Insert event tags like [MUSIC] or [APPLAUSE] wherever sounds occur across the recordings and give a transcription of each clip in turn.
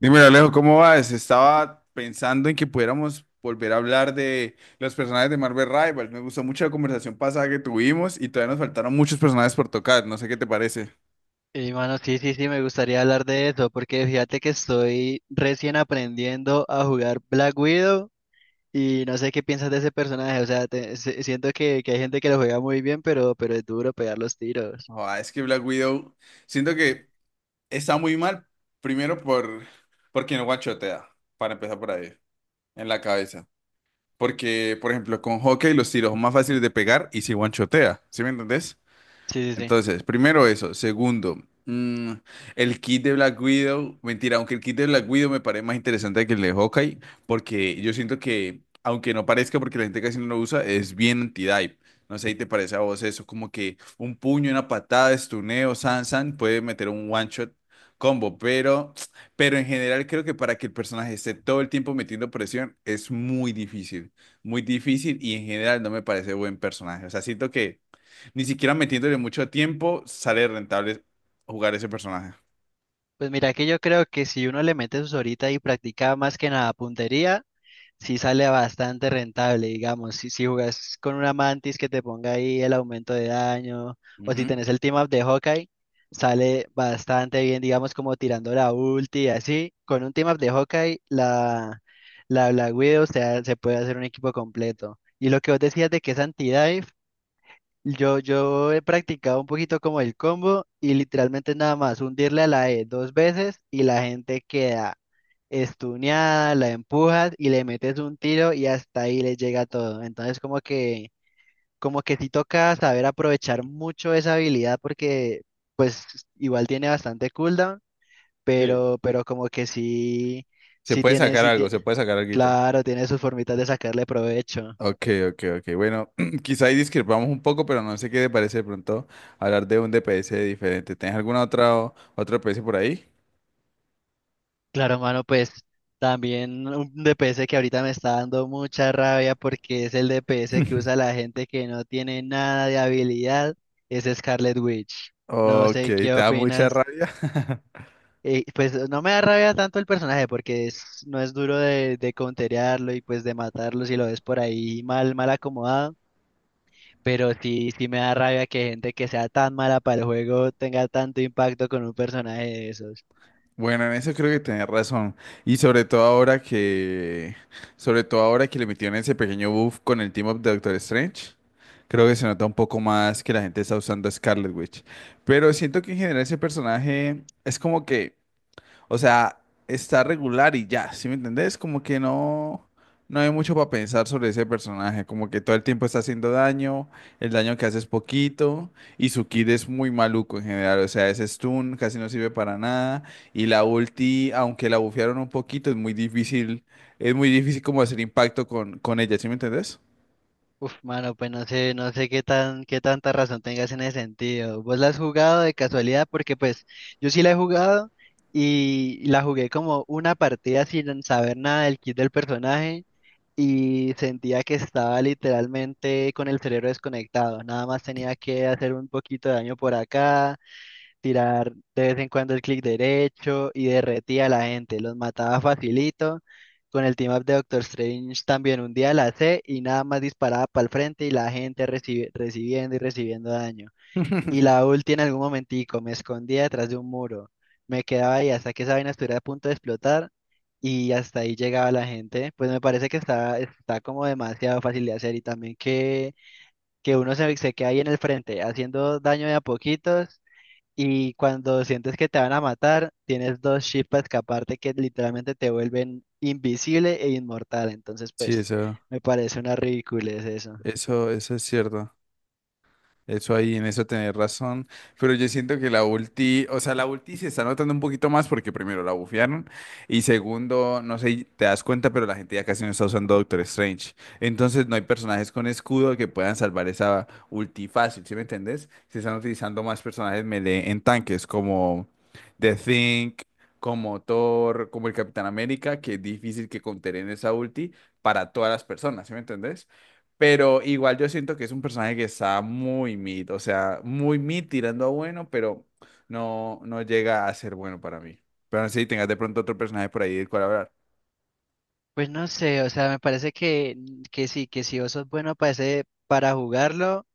Dímelo, Alejo, ¿cómo vas? Estaba pensando en que pudiéramos volver a hablar de los personajes de Marvel Rivals. Me gustó mucho la conversación pasada que tuvimos y todavía nos faltaron muchos personajes por tocar. No sé qué te parece. Y mano, sí, sí, sí, me gustaría hablar de eso, porque fíjate que estoy recién aprendiendo a jugar Black Widow y no sé qué piensas de ese personaje, o sea, siento que hay gente que lo juega muy bien, pero es duro pegar los tiros. Ah, es que Black Widow, siento que está muy mal, primero porque no guachotea, para empezar por ahí, en la cabeza. Porque, por ejemplo, con Hawkeye los tiros son más fáciles de pegar y si guanchotea, ¿sí me entendés? Sí, sí, sí. Entonces, primero eso. Segundo, mm, el kit de Black Widow. Mentira, aunque el kit de Black Widow me parece más interesante que el de Hawkeye, porque yo siento que, aunque no parezca porque la gente casi no lo usa, es bien anti-dive. No sé si te parece a vos eso, como que un puño, una patada, estuneo, san, san, puede meter un one shot combo, pero en general creo que para que el personaje esté todo el tiempo metiendo presión es muy difícil y en general no me parece buen personaje. O sea, siento que ni siquiera metiéndole mucho tiempo sale rentable jugar ese personaje. Pues mira que yo creo que si uno le mete sus horitas y practica más que nada puntería, sí sale bastante rentable, digamos. Si jugas con una mantis que te ponga ahí el aumento de daño, o Ujú. si tenés el team up de Hawkeye, sale bastante bien, digamos, como tirando la ulti y así. Con un team up de Hawkeye, la Black Widow, o sea, se puede hacer un equipo completo. Y lo que vos decías de que es anti-dive, yo he practicado un poquito como el combo y literalmente nada más hundirle a la E dos veces y la gente queda estuneada, la empujas y le metes un tiro y hasta ahí le llega todo. Entonces como que sí toca saber aprovechar mucho esa habilidad porque pues igual tiene bastante cooldown, Sí. pero como que sí, Se sí puede tiene, sacar sí algo, tiene, se puede sacar algo. claro, tiene sus formitas de sacarle provecho. Ok, ok, ok. Bueno, [CLEARS THROAT] quizá ahí discrepamos un poco, pero no sé qué te parece de pronto hablar de un DPS diferente. ¿Tienes alguna otra otro DPS por ahí? Claro, mano, pues también un DPS que ahorita me está dando mucha rabia porque es el DPS que usa la gente que no tiene nada de habilidad, es Scarlet Witch. No Ok, sé te qué da mucha opinas. rabia. [LAUGHS] Pues no me da rabia tanto el personaje porque no es duro de counterearlo y pues de matarlo si lo ves por ahí mal, mal acomodado. Pero sí, sí me da rabia que gente que sea tan mala para el juego tenga tanto impacto con un personaje de esos. Bueno, en eso creo que tenés razón. Y sobre todo ahora que le metieron ese pequeño buff con el team up de Doctor Strange, creo que se nota un poco más que la gente está usando a Scarlet Witch. Pero siento que en general ese personaje es como que o sea, está regular y ya, ¿sí me entendés? Como que no, no hay mucho para pensar sobre ese personaje, como que todo el tiempo está haciendo daño, el daño que hace es poquito, y su kit es muy maluco en general, o sea, ese stun casi no sirve para nada, y la ulti, aunque la bufearon un poquito, es muy difícil como hacer impacto con ella, ¿sí me entendés? Uf, mano, pues no sé, no sé qué tan, qué tanta razón tengas en ese sentido. ¿Vos la has jugado de casualidad? Porque pues yo sí la he jugado y la jugué como una partida sin saber nada del kit del personaje y sentía que estaba literalmente con el cerebro desconectado. Nada más tenía que hacer un poquito de daño por acá, tirar de vez en cuando el clic derecho y derretía a la gente, los mataba facilito. Con el team up de Doctor Strange también un día la C y nada más disparaba para el frente y la gente recibiendo y recibiendo daño. Y [LAUGHS] la ulti en algún momentico me escondía detrás de un muro. Me quedaba ahí hasta que esa vaina estuviera a punto de explotar y hasta ahí llegaba la gente. Pues me parece que está como demasiado fácil de hacer y también que uno se queda ahí en el frente haciendo daño de a poquitos y cuando sientes que te van a matar, tienes dos chips para escaparte que literalmente te vuelven invisible e inmortal. Entonces, Sí, pues, eso, me parece una ridiculez eso. eso, eso es cierto. Eso ahí, en eso tenés razón. Pero yo siento que la ulti, o sea, la ulti se está notando un poquito más porque primero la bufearon y segundo, no sé, te das cuenta, pero la gente ya casi no está usando Doctor Strange. Entonces no hay personajes con escudo que puedan salvar esa ulti fácil, ¿sí me entendés? Se están utilizando más personajes melee en tanques como The Thing, como Thor, como el Capitán América, que es difícil que conteren esa ulti para todas las personas, ¿sí me entendés? Pero igual yo siento que es un personaje que está muy mid, o sea, muy mid tirando a bueno, pero no llega a ser bueno para mí. Pero si tengas de pronto otro personaje por ahí del cual hablar. Pues no sé, o sea, me parece que sí, que si vos sos bueno para para jugarlo,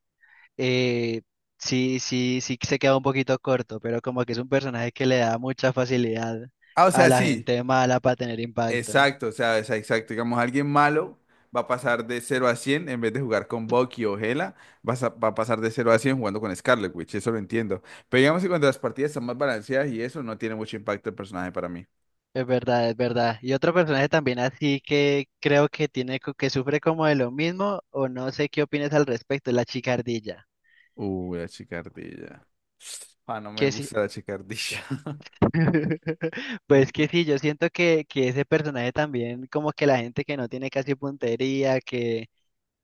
eh, sí, sí, sí que se queda un poquito corto, pero como que es un personaje que le da mucha facilidad Ah, o a sea, la sí, gente mala para tener impacto. exacto, o sea, es exacto. Digamos, alguien malo va a pasar de cero a 100 en vez de jugar con Bucky o Hela, va a pasar de cero a 100 jugando con Scarlet Witch, eso lo entiendo. Pero digamos que cuando las partidas están más balanceadas y eso, no tiene mucho impacto el personaje para mí. Es verdad, es verdad. Y otro personaje también así que creo que tiene que sufre como de lo mismo, o no sé qué opinas al respecto, es la chicardilla. La chicardilla. Ah, no me Que sí. gusta la chicardilla. [LAUGHS] [LAUGHS] Pues que sí, yo siento que ese personaje también, como que la gente que no tiene casi puntería, que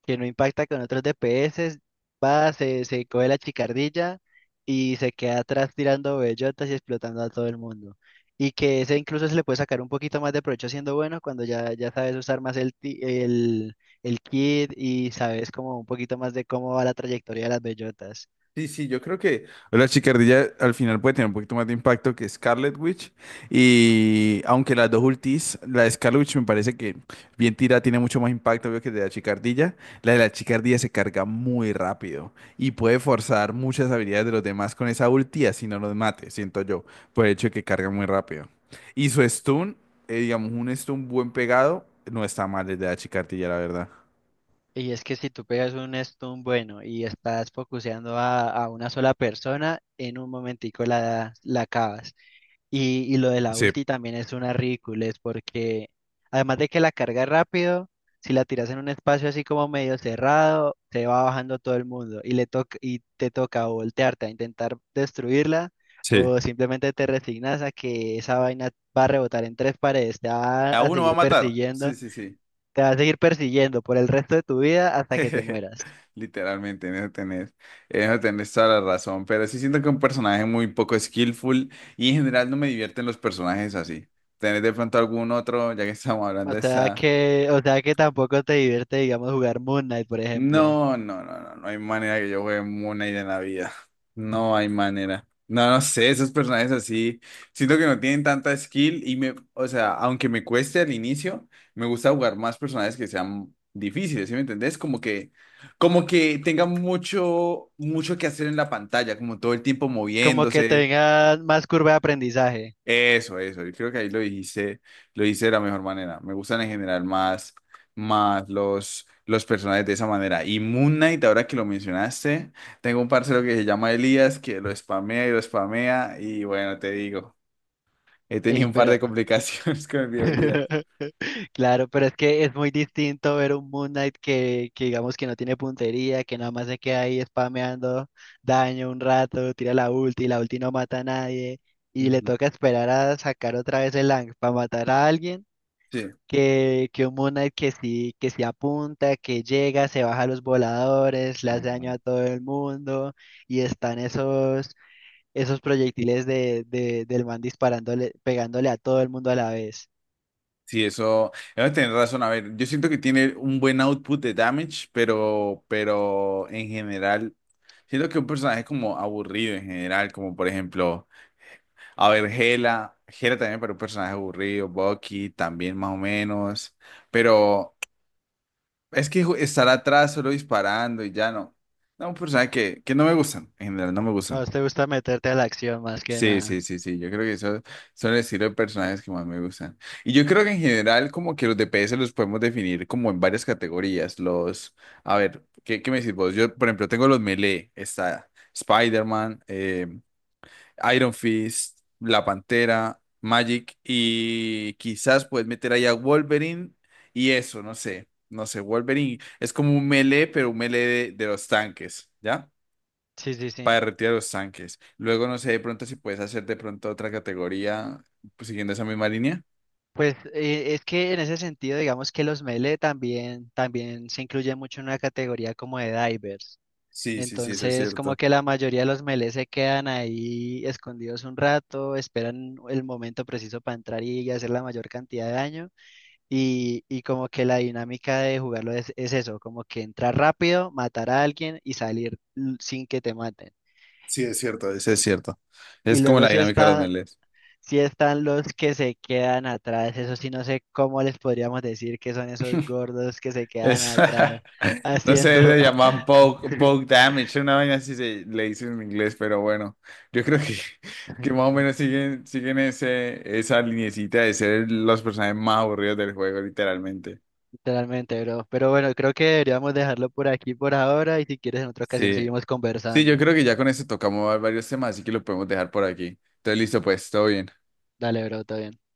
que no impacta con otros DPS, va, se coge la chicardilla y se queda atrás tirando bellotas y explotando a todo el mundo. Y que ese incluso se le puede sacar un poquito más de provecho siendo bueno cuando ya, ya sabes usar más el kit y sabes como un poquito más de cómo va la trayectoria de las bellotas. Sí, sí, yo creo que la Chicardilla al final puede tener un poquito más de impacto que Scarlet Witch. Y aunque las dos ultis, la de Scarlet Witch me parece que bien tira, tiene mucho más impacto obvio, que de la Chicardilla. La de la Chicardilla se carga muy rápido y puede forzar muchas habilidades de los demás con esa ulti, así no los mate, siento yo, por el hecho de que carga muy rápido. Y su stun, digamos, un stun buen pegado, no está mal desde la Chicardilla, la verdad. Y es que si tú pegas un stun bueno y estás focuseando a una sola persona, en un momentico la acabas. Y lo de la Sí, ulti también es una ridiculez porque además de que la carga rápido, si la tiras en un espacio así como medio cerrado, se va bajando todo el mundo y le toca y te toca o voltearte a intentar destruirla sí. o simplemente te resignas a que esa vaina va a rebotar en tres paredes, te Y va a a uno va a seguir matar. persiguiendo, Sí, sí, sí. te va a seguir persiguiendo por el resto de tu vida hasta que te [LAUGHS] mueras. Literalmente, en eso tenés toda la razón, pero sí siento que un personaje muy poco skillful y en general no me divierten los personajes así. ¿Tenés de pronto algún otro, ya que estamos hablando de esa? O sea que tampoco te divierte, digamos, jugar Moon Knight, por ejemplo. No, no, no, no, no hay manera que yo juegue Moon Knight en la vida. No hay manera. No, no sé, esos personajes así, siento que no tienen tanta skill y o sea, aunque me cueste al inicio, me gusta jugar más personajes que sean difíciles, ¿sí me entendés? Como que tengan mucho, mucho que hacer en la pantalla, como todo el tiempo Como que moviéndose. tenga más curva de aprendizaje. Eso, eso. Yo creo que ahí lo dijiste, lo hice de la mejor manera. Me gustan en general más los personajes de esa manera. Y Moon Knight, ahora que lo mencionaste, tengo un parcero que se llama Elías, que lo spamea. Y bueno, te digo, he tenido Ey, un par pero. de complicaciones [LAUGHS] con el video Elías. [LAUGHS] Claro, pero es que es muy distinto ver un Moon Knight que digamos que no tiene puntería, que nada más se queda ahí spameando daño un rato, tira la ulti no mata a nadie, y le Ujú. toca esperar a sacar otra vez el Lang para matar a alguien, Sí. que un Moon Knight que sí apunta, que llega, se baja a los voladores, le hace daño a Ujú. todo el mundo, y están esos proyectiles de, del man disparándole, pegándole a todo el mundo a la vez. Sí, eso tenés razón. A ver, yo siento que tiene un buen output de damage, pero en general, siento que un personaje como aburrido en general, como por ejemplo. A ver, Gela también para un personaje aburrido, Bucky también más o menos, pero es que estar atrás solo disparando y ya no. No, un personaje que no me gustan, en general no me A gustan. vos te gusta meterte a la acción más que Sí, sí, nada. sí, sí, yo creo que esos son el estilo de personajes que más me gustan. Y yo creo que en general como que los DPS los podemos definir como en varias categorías. Los, a ver, ¿qué me decís vos? Yo, por ejemplo, tengo los melee, está Spider-Man, Iron Fist, La Pantera, Magic y quizás puedes meter ahí a Wolverine y eso, no sé, no sé, Wolverine es como un melee, pero un melee de los tanques, ¿ya? Sí, sí, Para sí. derretir a los tanques. Luego, no sé, de pronto si puedes hacer de pronto otra categoría pues, siguiendo esa misma línea. Pues es que en ese sentido, digamos que los melee también, también se incluyen mucho en una categoría como de divers. Sí, sí, sí, eso es Entonces, como cierto. que la mayoría de los melee se quedan ahí escondidos un rato, esperan el momento preciso para entrar y hacer la mayor cantidad de daño. Y como que la dinámica de jugarlo es eso, como que entrar rápido, matar a alguien y salir sin que te maten. Sí, es cierto, eso es cierto. Y Es como luego la si dinámica de los está, melees. si están los que se quedan atrás, eso sí no sé cómo les podríamos decir que son esos gordos que se quedan Es, atrás [LAUGHS] no sé, haciendo le llaman poke, [LAUGHS] poke damage, una vaina así se le dice en inglés, pero bueno, yo creo que, [LAUGHS] que más o menos siguen ese, esa linecita de ser los personajes más aburridos del juego, literalmente. literalmente, bro. Pero bueno, creo que deberíamos dejarlo por aquí por ahora y si quieres en otra ocasión Sí, seguimos sí, yo conversando. creo que ya con eso tocamos varios temas, así que lo podemos dejar por aquí. Entonces, listo, pues, todo bien. Dale, bro, todo bien.